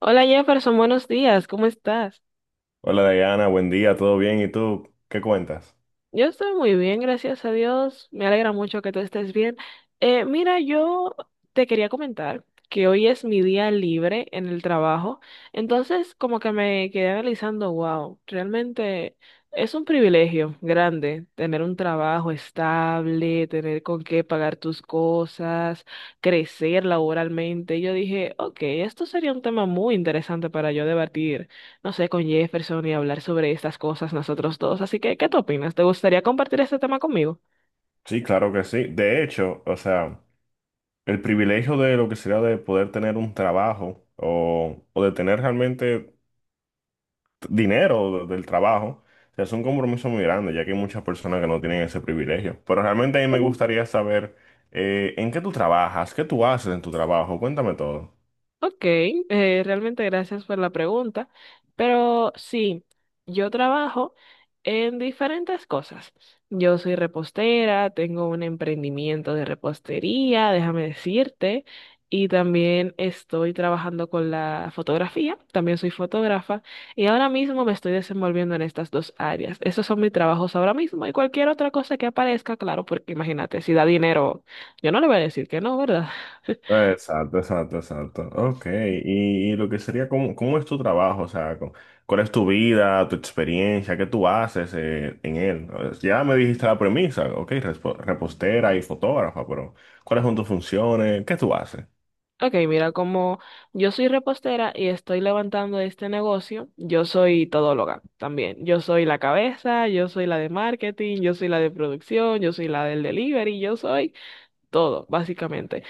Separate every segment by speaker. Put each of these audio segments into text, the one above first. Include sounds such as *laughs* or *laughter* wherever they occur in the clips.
Speaker 1: Hola Jefferson, buenos días, ¿cómo estás?
Speaker 2: Hola Diana, buen día, ¿todo bien? ¿Y tú qué cuentas?
Speaker 1: Yo estoy muy bien, gracias a Dios. Me alegra mucho que tú estés bien. Mira, yo te quería comentar que hoy es mi día libre en el trabajo, entonces como que me quedé analizando, wow, realmente es un privilegio grande tener un trabajo estable, tener con qué pagar tus cosas, crecer laboralmente. Yo dije, ok, esto sería un tema muy interesante para yo debatir no sé, con Jefferson y hablar sobre estas cosas nosotros dos. Así que, ¿qué tú opinas? ¿Te gustaría compartir este tema conmigo?
Speaker 2: Sí, claro que sí. De hecho, o sea, el privilegio de lo que sería de poder tener un trabajo o de tener realmente dinero del trabajo, o sea, es un compromiso muy grande, ya que hay muchas personas que no tienen ese privilegio. Pero realmente a mí me gustaría saber en qué tú trabajas, qué tú haces en tu trabajo, cuéntame todo.
Speaker 1: Ok, realmente gracias por la pregunta, pero sí, yo trabajo en diferentes cosas. Yo soy repostera, tengo un emprendimiento de repostería, déjame decirte, y también estoy trabajando con la fotografía, también soy fotógrafa, y ahora mismo me estoy desenvolviendo en estas dos áreas. Esos son mis trabajos ahora mismo y cualquier otra cosa que aparezca, claro, porque imagínate, si da dinero, yo no le voy a decir que no, ¿verdad?
Speaker 2: Exacto, exacto, exacto. Ok, y lo que sería, ¿cómo, cómo es tu trabajo? O sea, ¿cuál es tu vida, tu experiencia? ¿Qué tú haces en él? Ya me dijiste la premisa, ok, repostera y fotógrafa, pero ¿cuáles son tus funciones? ¿Qué tú haces?
Speaker 1: Ok, mira, como yo soy repostera y estoy levantando este negocio, yo soy todóloga también. Yo soy la cabeza, yo soy la de marketing, yo soy la de producción, yo soy la del delivery, yo soy todo, básicamente.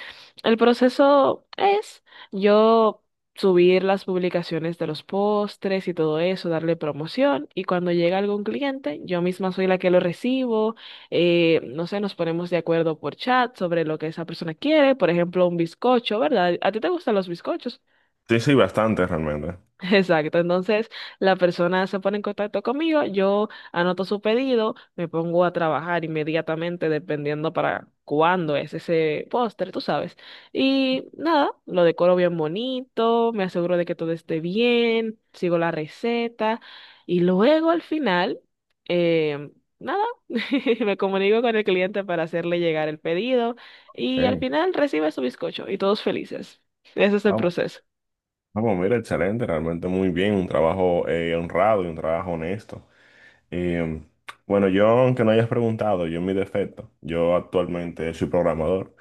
Speaker 1: El proceso es yo subir las publicaciones de los postres y todo eso, darle promoción y cuando llega algún cliente, yo misma soy la que lo recibo, no sé, nos ponemos de acuerdo por chat sobre lo que esa persona quiere, por ejemplo, un bizcocho, ¿verdad? ¿A ti te gustan los bizcochos?
Speaker 2: Sí, sí, bastante realmente.
Speaker 1: Exacto, entonces la persona se pone en contacto conmigo, yo anoto su pedido, me pongo a trabajar inmediatamente dependiendo para cuándo es ese póster, tú sabes. Y nada, lo decoro bien bonito, me aseguro de que todo esté bien, sigo la receta y luego al final, eh, nada, *laughs* me comunico con el cliente para hacerle llegar el pedido y al
Speaker 2: Ok.
Speaker 1: final recibe su bizcocho y todos felices. Ese es el
Speaker 2: Ah, bu-
Speaker 1: proceso.
Speaker 2: ah, bueno, mira, excelente, realmente muy bien, un trabajo honrado y un trabajo honesto. Y bueno, yo, aunque no hayas preguntado, yo en mi defecto, yo actualmente soy programador.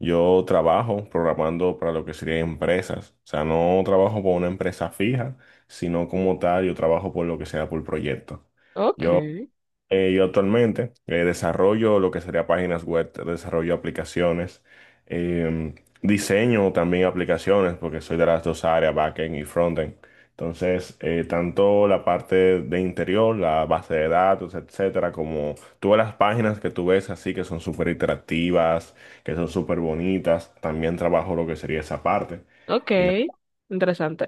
Speaker 2: Yo trabajo programando para lo que serían empresas. O sea, no trabajo por una empresa fija, sino como tal, yo trabajo por lo que sea por proyecto. Yo
Speaker 1: Ok.
Speaker 2: yo actualmente desarrollo lo que sería páginas web, desarrollo aplicaciones, eh, diseño también aplicaciones, porque soy de las dos áreas, backend y frontend. Entonces, tanto la parte de interior, la base de datos, etcétera, como todas las páginas que tú ves así que son súper interactivas, que son súper bonitas, también trabajo lo que sería esa parte.
Speaker 1: Ok, interesante.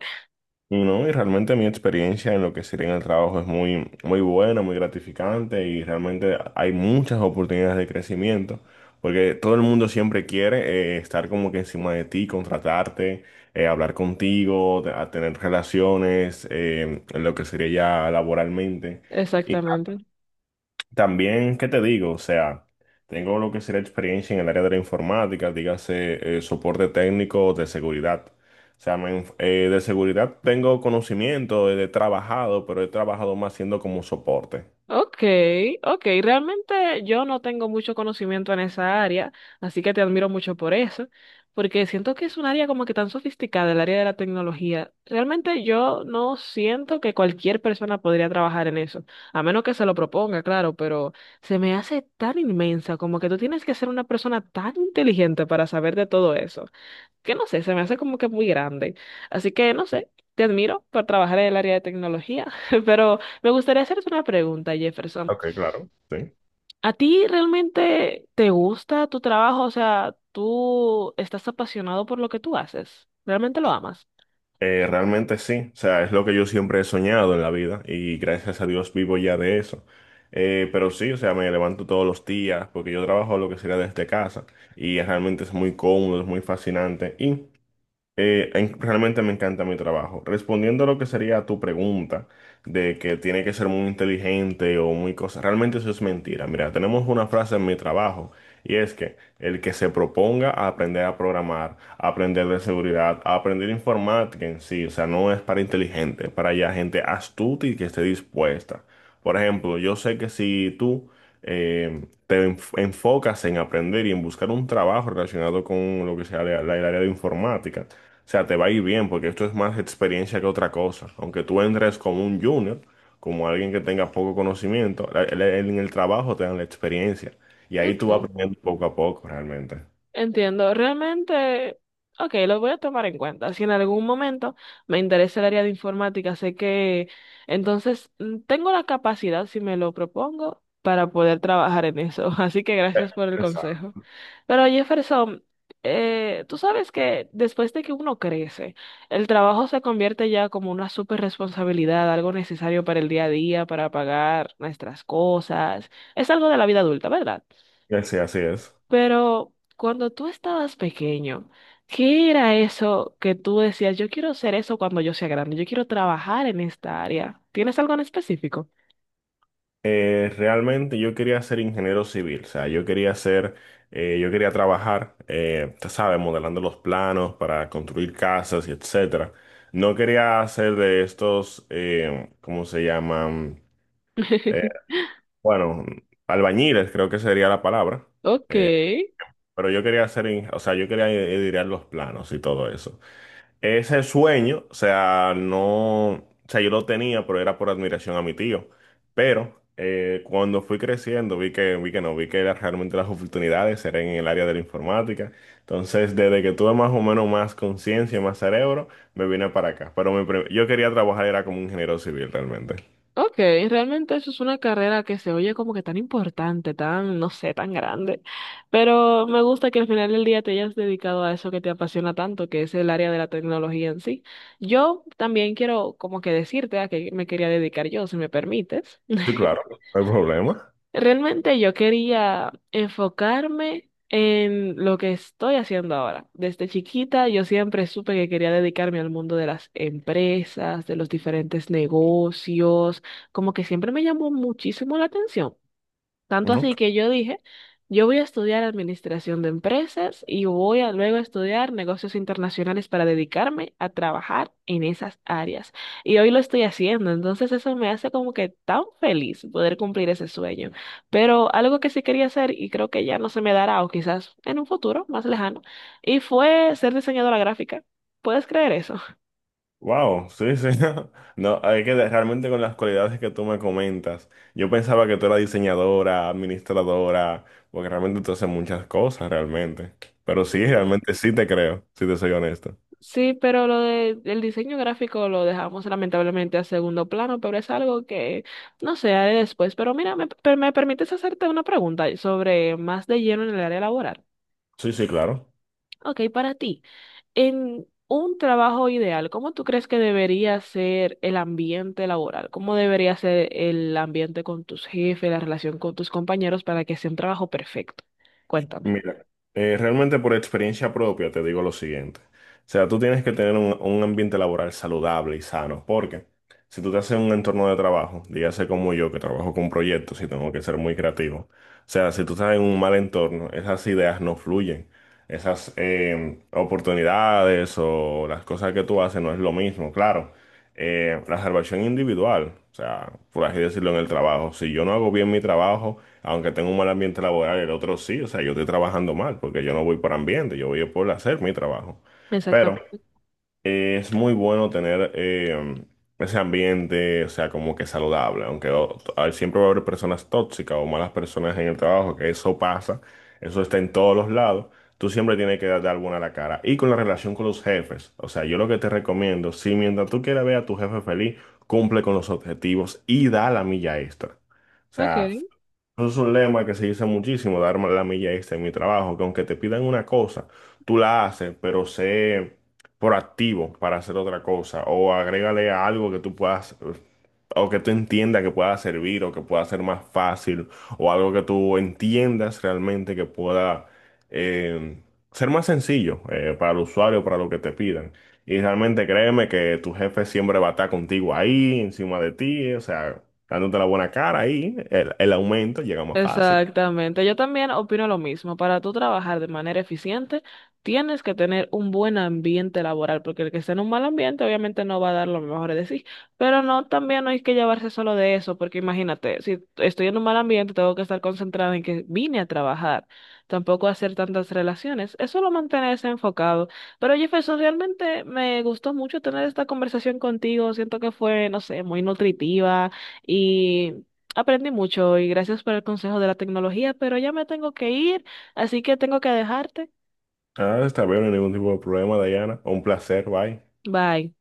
Speaker 2: Y no, y realmente mi experiencia en lo que sería en el trabajo es muy, muy buena, muy gratificante y realmente hay muchas oportunidades de crecimiento, porque todo el mundo siempre quiere estar como que encima de ti, contratarte, hablar contigo, a tener relaciones, en lo que sería ya laboralmente.
Speaker 1: Exactamente.
Speaker 2: También, ¿qué te digo? O sea, tengo lo que sería experiencia en el área de la informática, dígase soporte técnico de seguridad. O sea, de seguridad tengo conocimiento, he trabajado, pero he trabajado más siendo como soporte.
Speaker 1: Ok, ok. Realmente yo no tengo mucho conocimiento en esa área, así que te admiro mucho por eso, porque siento que es un área como que tan sofisticada, el área de la tecnología. Realmente yo no siento que cualquier persona podría trabajar en eso, a menos que se lo proponga, claro, pero se me hace tan inmensa, como que tú tienes que ser una persona tan inteligente para saber de todo eso, que no sé, se me hace como que muy grande. Así que no sé, te admiro por trabajar en el área de tecnología, *laughs* pero me gustaría hacerte una pregunta, Jefferson.
Speaker 2: Ok, claro. Sí.
Speaker 1: ¿A ti realmente te gusta tu trabajo? O sea, ¿tú estás apasionado por lo que tú haces? ¿Realmente lo amas?
Speaker 2: Realmente sí. O sea, es lo que yo siempre he soñado en la vida y gracias a Dios vivo ya de eso. Pero sí, o sea, me levanto todos los días porque yo trabajo lo que sería desde casa y realmente es muy cómodo, es muy fascinante. Realmente me encanta mi trabajo. Respondiendo a lo que sería tu pregunta de que tiene que ser muy inteligente o muy cosa, realmente eso es mentira. Mira, tenemos una frase en mi trabajo y es que el que se proponga a aprender a programar, a aprender de seguridad, a aprender informática en sí, o sea, no es para inteligente, es para ya gente astuta y que esté dispuesta. Por ejemplo, yo sé que si tú enfocas en aprender y en buscar un trabajo relacionado con lo que sea el área de informática, o sea, te va a ir bien porque esto es más experiencia que otra cosa. Aunque tú entres como un junior, como alguien que tenga poco conocimiento, en el trabajo te dan la experiencia. Y ahí
Speaker 1: Ok.
Speaker 2: tú vas aprendiendo poco a poco realmente.
Speaker 1: Entiendo, realmente, ok, lo voy a tomar en cuenta. Si en algún momento me interesa el área de informática, sé que entonces tengo la capacidad, si me lo propongo, para poder trabajar en eso. *laughs* Así que
Speaker 2: Eh,
Speaker 1: gracias por el
Speaker 2: Exacto.
Speaker 1: consejo. Pero Jefferson, tú sabes que después de que uno crece, el trabajo se convierte ya como una super responsabilidad, algo necesario para el día a día, para pagar nuestras cosas. Es algo de la vida adulta, ¿verdad?
Speaker 2: Sí, así es.
Speaker 1: Pero cuando tú estabas pequeño, ¿qué era eso que tú decías, yo quiero ser eso cuando yo sea grande, yo quiero trabajar en esta área? ¿Tienes algo en específico?
Speaker 2: Realmente yo quería ser ingeniero civil, o sea, yo quería ser, yo quería trabajar, tú sabes, modelando los planos para construir casas y etcétera. No quería hacer de estos, ¿cómo se llaman? Eh,
Speaker 1: *laughs*
Speaker 2: Bueno, albañiles creo que sería la palabra.
Speaker 1: Ok,
Speaker 2: Eh, pero yo quería hacer, o sea, yo quería editar los planos y todo eso. Ese sueño, o sea, no, o sea, yo lo tenía, pero era por admiración a mi tío. Pero cuando fui creciendo, vi que no, vi que era realmente las oportunidades eran en el área de la informática. Entonces, desde que tuve más o menos más conciencia y más cerebro, me vine para acá. Pero mi pre, yo quería trabajar, era como ingeniero civil realmente.
Speaker 1: ok, realmente eso es una carrera que se oye como que tan importante, tan, no sé, tan grande, pero me gusta que al final del día te hayas dedicado a eso que te apasiona tanto, que es el área de la tecnología en sí. Yo también quiero como que decirte a qué me quería dedicar yo, si me permites.
Speaker 2: Sí, claro,
Speaker 1: *laughs*
Speaker 2: no hay problema.
Speaker 1: Realmente yo quería enfocarme en lo que estoy haciendo ahora. Desde chiquita yo siempre supe que quería dedicarme al mundo de las empresas, de los diferentes negocios, como que siempre me llamó muchísimo la atención. Tanto así que yo dije, yo voy a estudiar administración de empresas y voy a luego estudiar negocios internacionales para dedicarme a trabajar en esas áreas. Y hoy lo estoy haciendo, entonces eso me hace como que tan feliz poder cumplir ese sueño. Pero algo que sí quería hacer y creo que ya no se me dará o quizás en un futuro más lejano, y fue ser diseñadora gráfica. ¿Puedes creer eso?
Speaker 2: Wow, sí, sí. *laughs* No, hay que realmente con las cualidades que tú me comentas. Yo pensaba que tú eras diseñadora, administradora, porque realmente tú haces muchas cosas realmente. Pero sí,
Speaker 1: Sí.
Speaker 2: realmente sí te creo, si te soy honesto.
Speaker 1: Sí, pero lo de, el diseño gráfico lo dejamos lamentablemente a segundo plano, pero es algo que no sé, haré después. Pero mira, me, me permites hacerte una pregunta sobre más de lleno en el área laboral.
Speaker 2: Sí, sí, claro.
Speaker 1: Ok, para ti, en un trabajo ideal, ¿cómo tú crees que debería ser el ambiente laboral? ¿Cómo debería ser el ambiente con tus jefes, la relación con tus compañeros para que sea un trabajo perfecto? Cuéntame.
Speaker 2: Mira, realmente por experiencia propia te digo lo siguiente. O sea, tú tienes que tener un ambiente laboral saludable y sano, porque si tú te haces un entorno de trabajo, dígase como yo que trabajo con proyectos y tengo que ser muy creativo, o sea, si tú estás en un mal entorno, esas ideas no fluyen, esas oportunidades o las cosas que tú haces no es lo mismo, claro la salvación individual, o sea, por así decirlo, en el trabajo. Si yo no hago bien mi trabajo, aunque tenga un mal ambiente laboral, el otro sí, o sea, yo estoy trabajando mal, porque yo no voy por ambiente, yo voy por hacer mi trabajo. Pero
Speaker 1: Exactamente.
Speaker 2: es muy bueno tener ese ambiente, o sea, como que saludable, aunque siempre va a haber personas tóxicas o malas personas en el trabajo, que eso pasa, eso está en todos los lados. Tú siempre tienes que dar buena la cara. Y con la relación con los jefes, o sea, yo lo que te recomiendo, si mientras tú quieras ver a tu jefe feliz, cumple con los objetivos y da la milla extra. O
Speaker 1: Ok.
Speaker 2: sea, eso es un lema que se dice muchísimo, dar la milla extra en mi trabajo, que aunque te pidan una cosa, tú la haces, pero sé proactivo para hacer otra cosa, o agrégale algo que tú puedas, o que tú entiendas que pueda servir, o que pueda ser más fácil, o algo que tú entiendas realmente que pueda eh, ser más sencillo para el usuario, para lo que te pidan. Y realmente créeme que tu jefe siempre va a estar contigo ahí, encima de ti, o sea dándote la buena cara ahí, el aumento llega más fácil.
Speaker 1: Exactamente. Yo también opino lo mismo. Para tú trabajar de manera eficiente, tienes que tener un buen ambiente laboral, porque el que está en un mal ambiente obviamente no va a dar lo mejor de sí. Pero no, también no hay que llevarse solo de eso, porque imagínate, si estoy en un mal ambiente, tengo que estar concentrada en que vine a trabajar, tampoco hacer tantas relaciones. Es solo mantenerse enfocado. Pero Jefferson, realmente me gustó mucho tener esta conversación contigo. Siento que fue, no sé, muy nutritiva. Y aprendí mucho y gracias por el consejo de la tecnología, pero ya me tengo que ir, así que tengo que dejarte.
Speaker 2: Ah, está bien, no hay ningún tipo de problema, Diana. Un placer, bye.
Speaker 1: Bye.